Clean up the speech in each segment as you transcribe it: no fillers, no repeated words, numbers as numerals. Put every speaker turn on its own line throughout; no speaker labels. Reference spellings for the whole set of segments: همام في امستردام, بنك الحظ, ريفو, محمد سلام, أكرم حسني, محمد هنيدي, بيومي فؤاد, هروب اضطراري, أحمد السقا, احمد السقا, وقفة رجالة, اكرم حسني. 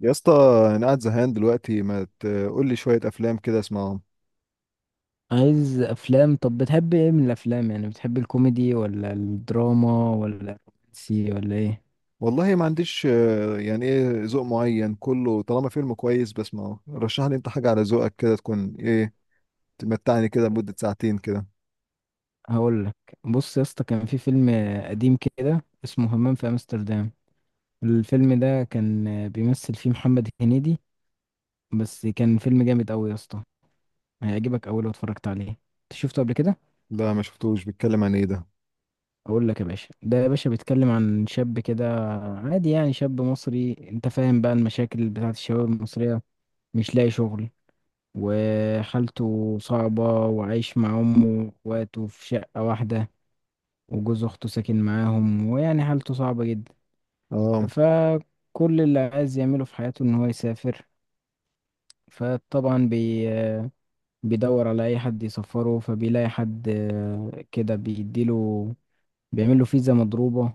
يا اسطى، انا قاعد زهقان دلوقتي، ما تقول لي شويه افلام كده اسمعهم؟
عايز افلام؟ طب بتحب ايه من الافلام؟ يعني بتحب الكوميدي ولا الدراما ولا الرومانسي ولا ايه؟
والله ما عنديش. يعني ايه ذوق معين، كله طالما فيلم كويس بسمعه. رشح لي انت حاجه على ذوقك، كده تكون ايه تمتعني كده لمده ساعتين كده.
هقول لك. بص يا اسطى، كان في فيلم قديم كده اسمه همام في امستردام. الفيلم ده كان بيمثل فيه محمد هنيدي، بس كان فيلم جامد قوي يا اسطى، هيعجبك اول لو اتفرجت عليه. انت شفته قبل كده؟
لا، ما شفتوش. بيتكلم عن ايه ده؟
اقول لك يا باشا. ده يا باشا بيتكلم عن شاب كده عادي، يعني شاب مصري. انت فاهم بقى المشاكل بتاعت الشباب المصرية. مش لاقي شغل، وحالته صعبة، وعايش مع أمه وأخواته في شقة واحدة، وجوز أخته ساكن معاهم، ويعني حالته صعبة جدا.
اه.
فكل اللي عايز يعمله في حياته إن هو يسافر. فطبعا بيدور على أي حد يسفره، فبيلاقي حد كده بيديله، بيعمله فيزا مضروبة.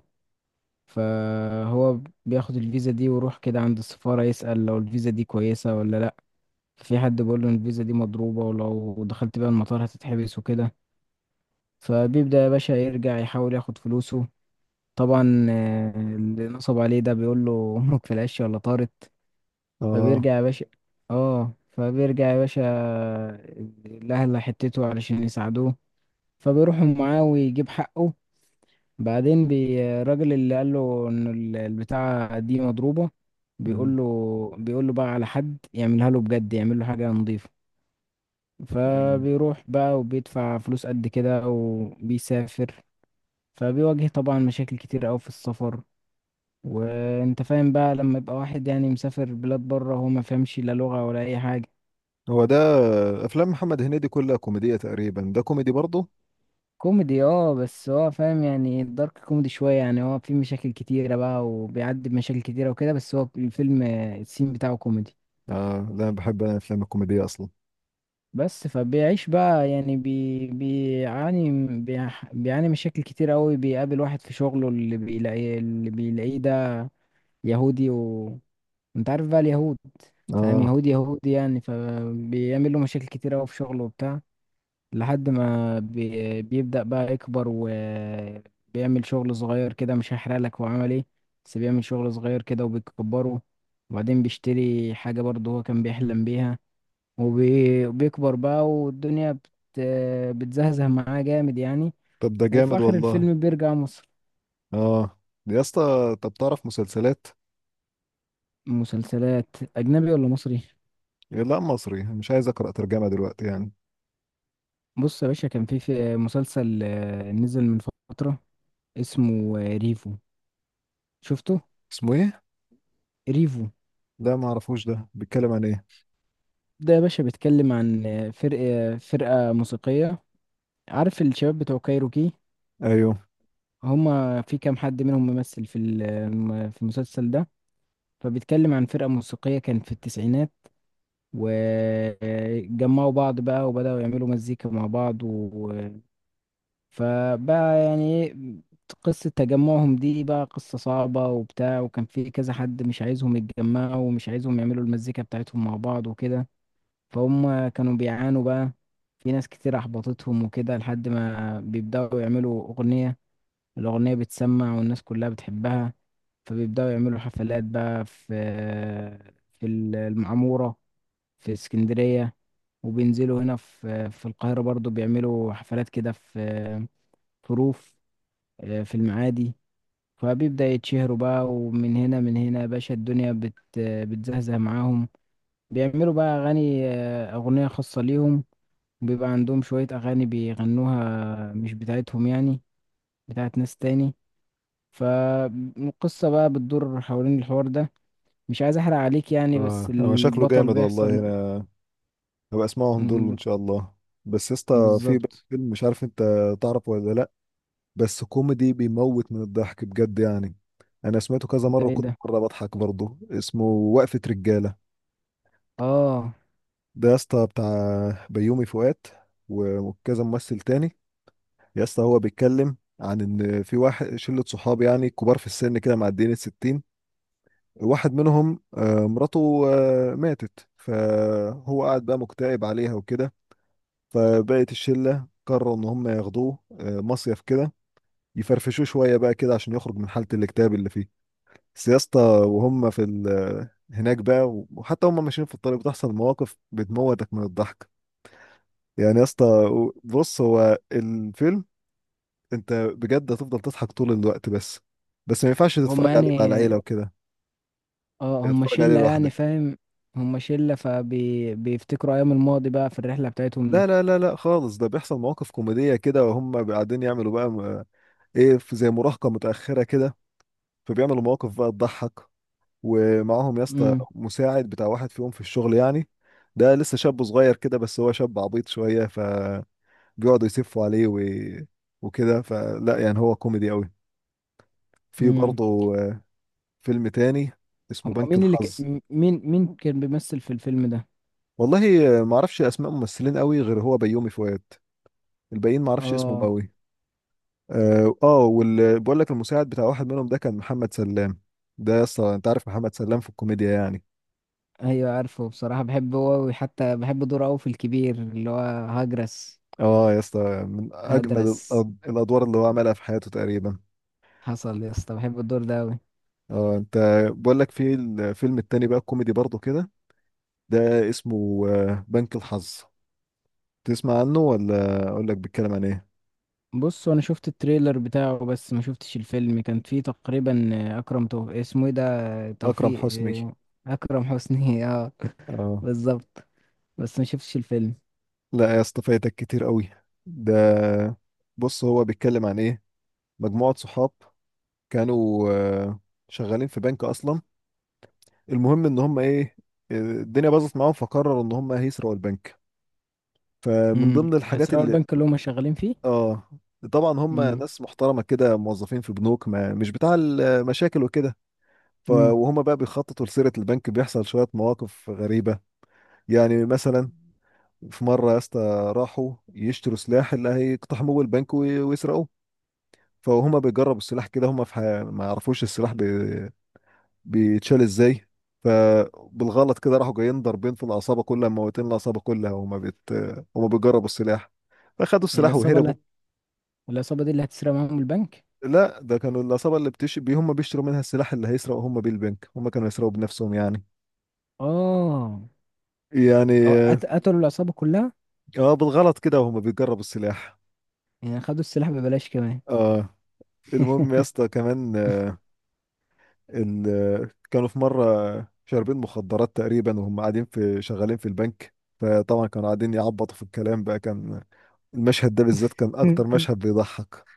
فهو بياخد الفيزا دي ويروح كده عند السفارة، يسأل لو الفيزا دي كويسة ولا لأ. في حد بيقول له إن الفيزا دي مضروبة، ولو دخلت بيها المطار هتتحبس وكده. فبيبدأ يا باشا يرجع يحاول ياخد فلوسه. طبعا اللي نصب عليه ده بيقول له امك في العش ولا طارت؟
اه.
فبيرجع يا باشا اه فبيرجع يا باشا الاهل حتته علشان يساعدوه. فبيروحوا معاه ويجيب حقه. بعدين الراجل اللي قال له ان البتاعة دي مضروبة،
مم.
بيقول له بيقول له بقى على حد يعملها له بجد، يعمل له حاجة نظيفة.
أيوة.
فبيروح بقى وبيدفع فلوس قد كده وبيسافر. فبيواجه طبعا مشاكل كتير قوي في السفر. وانت فاهم بقى لما يبقى واحد، يعني مسافر بلاد بره، هو ما فهمش لا لغة ولا اي حاجة.
هو ده. افلام محمد هنيدي كلها كوميديه تقريبا، ده كوميدي برضه؟
كوميدي اه، بس هو فاهم يعني الدارك كوميدي شوية. يعني هو في مشاكل كتيرة بقى وبيعدي بمشاكل كتيرة وكده، بس هو الفيلم السين بتاعه كوميدي.
اه، لا، أنا بحب، انا الافلام الكوميديه اصلا.
بس فبيعيش بقى، يعني بيعاني مشاكل كتير قوي. بيقابل واحد في شغله، اللي بيلاقيه ده يهودي. انت عارف بقى اليهود، فاهم؟
اه،
يهود يهود يعني. فبيعمل له مشاكل كتير قوي في شغله وبتاع، لحد ما بيبدأ بقى يكبر، وبيعمل شغل صغير كده. مش هحرق لك هو عمل ايه، بس بيعمل شغل صغير كده وبيكبره. وبعدين بيشتري حاجة برضه هو كان بيحلم بيها، وبيكبر بقى، والدنيا بتزهزه معاه جامد يعني.
طب ده
وفي
جامد
آخر
والله.
الفيلم بيرجع مصر.
اه، يا اسطى، طب تعرف مسلسلات؟
مسلسلات أجنبي ولا مصري؟
إيه، لا، مصري، مش عايز اقرا ترجمه دلوقتي يعني.
بص يا باشا، كان في مسلسل نزل من فترة، اسمه ريفو. شفته؟
اسمه ايه؟
ريفو
لا، ما اعرفوش. ده بيتكلم عن ايه؟
ده يا باشا بيتكلم عن فرقة موسيقية. عارف الشباب بتوع كايروكي؟
ايوه.
هما في كام حد منهم ممثل في ال- آه، في المسلسل ده. فبيتكلم عن فرقة موسيقية كانت في التسعينات، وجمعوا بعض بقى وبدأوا يعملوا مزيكا مع بعض. فبقى يعني إيه، قصة تجمعهم دي بقى قصة صعبة وبتاع. وكان في كذا حد مش عايزهم يتجمعوا ومش عايزهم يعملوا المزيكا بتاعتهم مع بعض وكده. فهم كانوا بيعانوا بقى، في ناس كتير أحبطتهم وكده، لحد ما بيبدأوا يعملوا أغنية. الأغنية بتسمع والناس كلها بتحبها. فبيبدأوا يعملوا حفلات بقى في المعمورة، في اسكندرية. وبينزلوا هنا في القاهرة برضو، بيعملوا حفلات كده في روف في المعادي. فبيبدأ يتشهروا بقى، ومن هنا من هنا يا باشا الدنيا بتزهزه معاهم. بيعملوا بقى أغاني آه، أغنية خاصة ليهم. بيبقى عندهم شوية أغاني بيغنوها مش بتاعتهم، يعني بتاعت ناس تاني. فالقصة بقى بتدور حوالين الحوار ده. مش عايز أحرق عليك يعني، بس
اه، هو شكله
البطل
جامد والله.
بيحصل.
انا هبقى اسمعهم دول ان
م-
شاء الله. بس يا اسطى، في بقى
بالظبط.
فيلم مش عارف انت تعرف ولا لا. بس كوميدي بيموت من الضحك بجد يعني. انا سمعته كذا مره،
ده ايه
وكنت
ده؟
مره بضحك برضه، اسمه وقفه رجاله.
اه
ده يا اسطى بتاع بيومي فؤاد وكذا ممثل تاني. يا اسطى، هو بيتكلم عن ان في واحد شله صحاب يعني كبار في السن كده، معديين ال60. واحد منهم مراته ماتت، فهو قاعد بقى مكتئب عليها وكده. فبقت الشلة قرروا إن هم ياخدوه مصيف كده، يفرفشوه شوية بقى كده عشان يخرج من حالة الاكتئاب اللي فيه. بس يا اسطى، وهم في هناك بقى، وحتى هم ماشيين في الطريق بتحصل مواقف بتموتك من الضحك. يعني يا اسطى، بص هو الفيلم، انت بجد هتفضل تضحك طول الوقت. بس بس ما ينفعش
هما
تتفرج عليه مع العيلة
يعني
وكده،
اه هما
تتفرج عليه
شلة يعني،
لوحدك.
فاهم؟ هما شلة فبيفتكروا ايام الماضي بقى في الرحلة بتاعتهم
لا،
دي.
لا، لا، لا، خالص. ده بيحصل مواقف كوميدية كده وهم قاعدين يعملوا بقى ايه، في زي مراهقة متأخرة كده، فبيعملوا مواقف بقى تضحك. ومعاهم يا اسطى
امم.
مساعد بتاع واحد فيهم في الشغل يعني، ده لسه شاب صغير كده، بس هو شاب عبيط شوية، فبيقعدوا يسفوا عليه وكده. فلا يعني، هو كوميدي قوي. في
امم.
برضه فيلم تاني اسمه
هما
بنك
مين اللي ك...
الحظ.
م- مين مين كان بيمثل في الفيلم ده؟
والله معرفش اسماء ممثلين قوي غير هو بيومي فؤاد، الباقيين معرفش اسمهم
اه،
قوي. اه. آه، وال بقول لك المساعد بتاع واحد منهم ده كان محمد سلام. ده يا اسطى انت عارف محمد سلام في الكوميديا يعني.
ايوه، عارفه بصراحة. بحبه هو، وحتى بحب دوره قوي في الكبير اللي هو هجرس.
اه يا اسطى، من اجمد
هدرس.
الادوار اللي هو عملها في حياته تقريبا.
حصل يا اسطى، بحب الدور ده قوي.
اه، بقول لك في الفيلم التاني بقى الكوميدي برضه كده، ده اسمه بنك الحظ. تسمع عنه ولا اقول لك بيتكلم عن ايه؟
بص انا شفت التريلر بتاعه، بس ما شفتش الفيلم. كان فيه تقريبا اكرم توفيق، اسمه ايه ده،
اكرم
توفيق
حسني.
اكرم حسني اه،
اه.
بالظبط. بس ما شفتش الفيلم.
لا يا اسطى، فايتك كتير قوي. ده، بص، هو بيتكلم عن ايه؟ مجموعة صحاب كانوا شغالين في بنك اصلا. المهم ان هم ايه، الدنيا باظت معاهم، فقرروا ان هم هيسرقوا البنك. فمن ضمن الحاجات
هيسرقوا
اللي،
البنك اللي هم شغالين فيه؟
اه، طبعا هم
امم
ناس محترمه كده، موظفين في بنوك، ما مش بتاع المشاكل وكده.
امم
وهم بقى بيخططوا لسرقه البنك بيحصل شويه مواقف غريبه. يعني مثلا، في مره يا اسطى راحوا يشتروا سلاح اللي هيقتحموا البنك ويسرقوه. فهم بيجربوا السلاح كده، ما يعرفوش السلاح بيتشال ازاي. فبالغلط كده راحوا جايين ضاربين في العصابه كلها، موتين العصابه كلها، وما بيجربوا السلاح، فخدوا السلاح
العصابه اللي
وهربوا.
هت... العصابه دي اللي هتسرق معاهم البنك؟
لا، ده كانوا العصابه اللي بتش بي هم بيشتروا منها السلاح اللي هيسرقوا هم بيه البنك، هم كانوا يسرقوا بنفسهم يعني.
اه، أو
يعني
قتلوا العصابه كلها.
اه، بالغلط كده وهم بيجربوا السلاح.
يعني خدوا السلاح ببلاش كمان.
اه، المهم يا اسطى كمان، آه، ال... آه، كانوا في مره شاربين مخدرات تقريبا وهم قاعدين في شغالين في البنك، فطبعا كانوا قاعدين يعبطوا في الكلام بقى. كان المشهد ده بالذات كان اكتر مشهد بيضحك.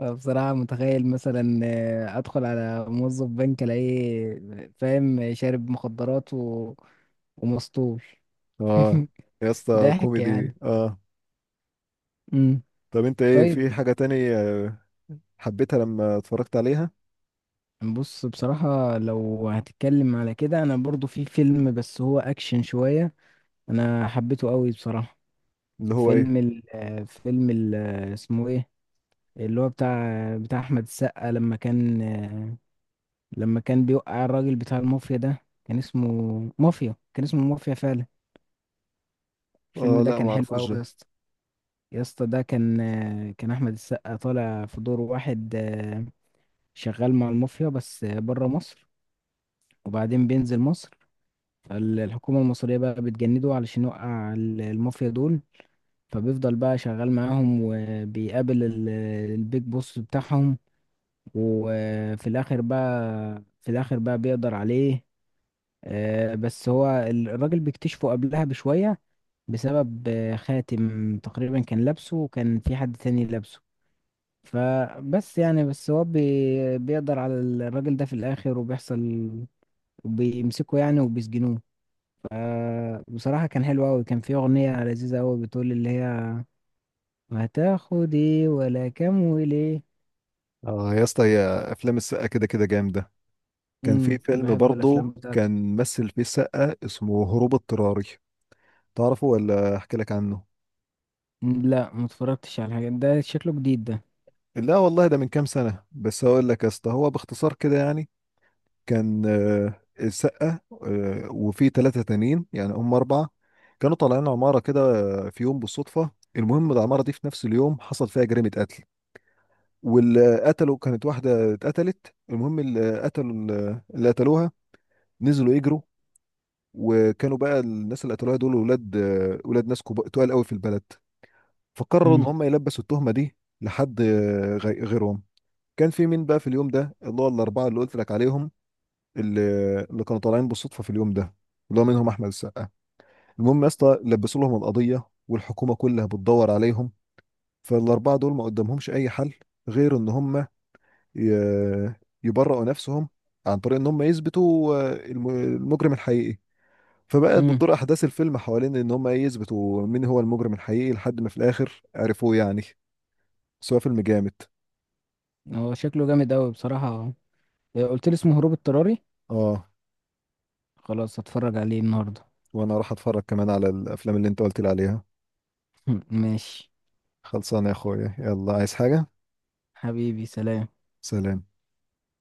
أنا بصراحة متخيل مثلا أدخل على موظف بنك، ألاقيه فاهم شارب مخدرات ومسطول.
اه يا اسطى،
ضحك
كوميدي
يعني.
اه.
امم.
طب انت ايه، في
طيب،
حاجة تاني حبيتها لما اتفرجت عليها؟
بص بصراحة لو هتتكلم على كده أنا برضو في فيلم، بس هو أكشن شوية. انا حبيته قوي بصراحه.
اللي هو ايه؟
فيلم ال آه، فيلم ال آه، اسمه ايه، اللي هو بتاع احمد السقا. لما كان بيوقع الراجل بتاع المافيا، ده كان اسمه مافيا، كان اسمه مافيا فعلا. الفيلم
اه
ده
لا، ما
كان حلو
اعرفوش
قوي يا
ده.
اسطى. يا اسطى ده كان احمد السقا طالع في دور واحد شغال مع المافيا بس بره مصر. وبعدين بينزل مصر. فالحكومه المصريه بقى بتجنده علشان يوقع المافيا دول. فبيفضل بقى شغال معاهم، وبيقابل البيج بوس بتاعهم. وفي الاخر بقى بيقدر عليه. بس هو الراجل بيكتشفه قبلها بشوية، بسبب خاتم تقريبا كان لابسه، وكان في حد تاني لابسه. فبس يعني بس هو بيقدر على الراجل ده في الاخر، وبيحصل وبيمسكه يعني وبيسجنوه. فبصراحة كان حلو أوي. كان في أغنية لذيذة أوي بتقول اللي هي: هتاخد ايه ولا كام وليه؟
اه يا اسطى، هي افلام السقا كده كده جامدة. كان في فيلم
بحب الافلام
برضه
بتاعته.
كان مثل فيه السقا اسمه هروب اضطراري. تعرفه ولا احكي لك عنه؟
مم، لا، ما اتفرجتش على حاجه، ده شكله جديد ده.
لا والله، ده من كام سنة بس. هقول لك يا اسطى هو باختصار كده يعني. كان السقا وفي 3 تانيين يعني هم 4 كانوا طالعين عمارة كده في يوم بالصدفة. المهم العمارة دي في نفس اليوم حصل فيها جريمة قتل، واللي قتلوا كانت واحدة اتقتلت. المهم اللي قتلوها نزلوا يجروا. وكانوا بقى الناس اللي قتلوها دول، ولاد ناس تقال قوي في البلد. فقرروا إن
امم
هم يلبسوا التهمة دي لحد غيرهم. كان في مين بقى في اليوم ده اللي هو ال4 اللي قلت لك عليهم، اللي اللي كانوا طالعين بالصدفه في اليوم ده، اللي هو منهم احمد السقا. المهم يا اسطى، لبسوا لهم القضيه، والحكومه كلها بتدور عليهم. فال4 دول ما قدامهمش اي حل غير ان هم ي- يبرئوا نفسهم عن طريق ان هم يثبتوا المجرم الحقيقي. فبقت
امم
بتدور احداث الفيلم حوالين ان هم ايه، يثبتوا مين هو المجرم الحقيقي لحد ما في الاخر عرفوه يعني. بس هو فيلم جامد.
هو شكله جامد قوي بصراحه. إيه، قلت لي اسمه هروب اضطراري؟
اه،
خلاص، هتفرج عليه النهارده.
وانا راح اتفرج كمان على الافلام اللي انت قلت لي عليها.
ماشي.
خلصانه يا اخويا، يلا، عايز حاجه؟
حبيبي، سلام.
سلام.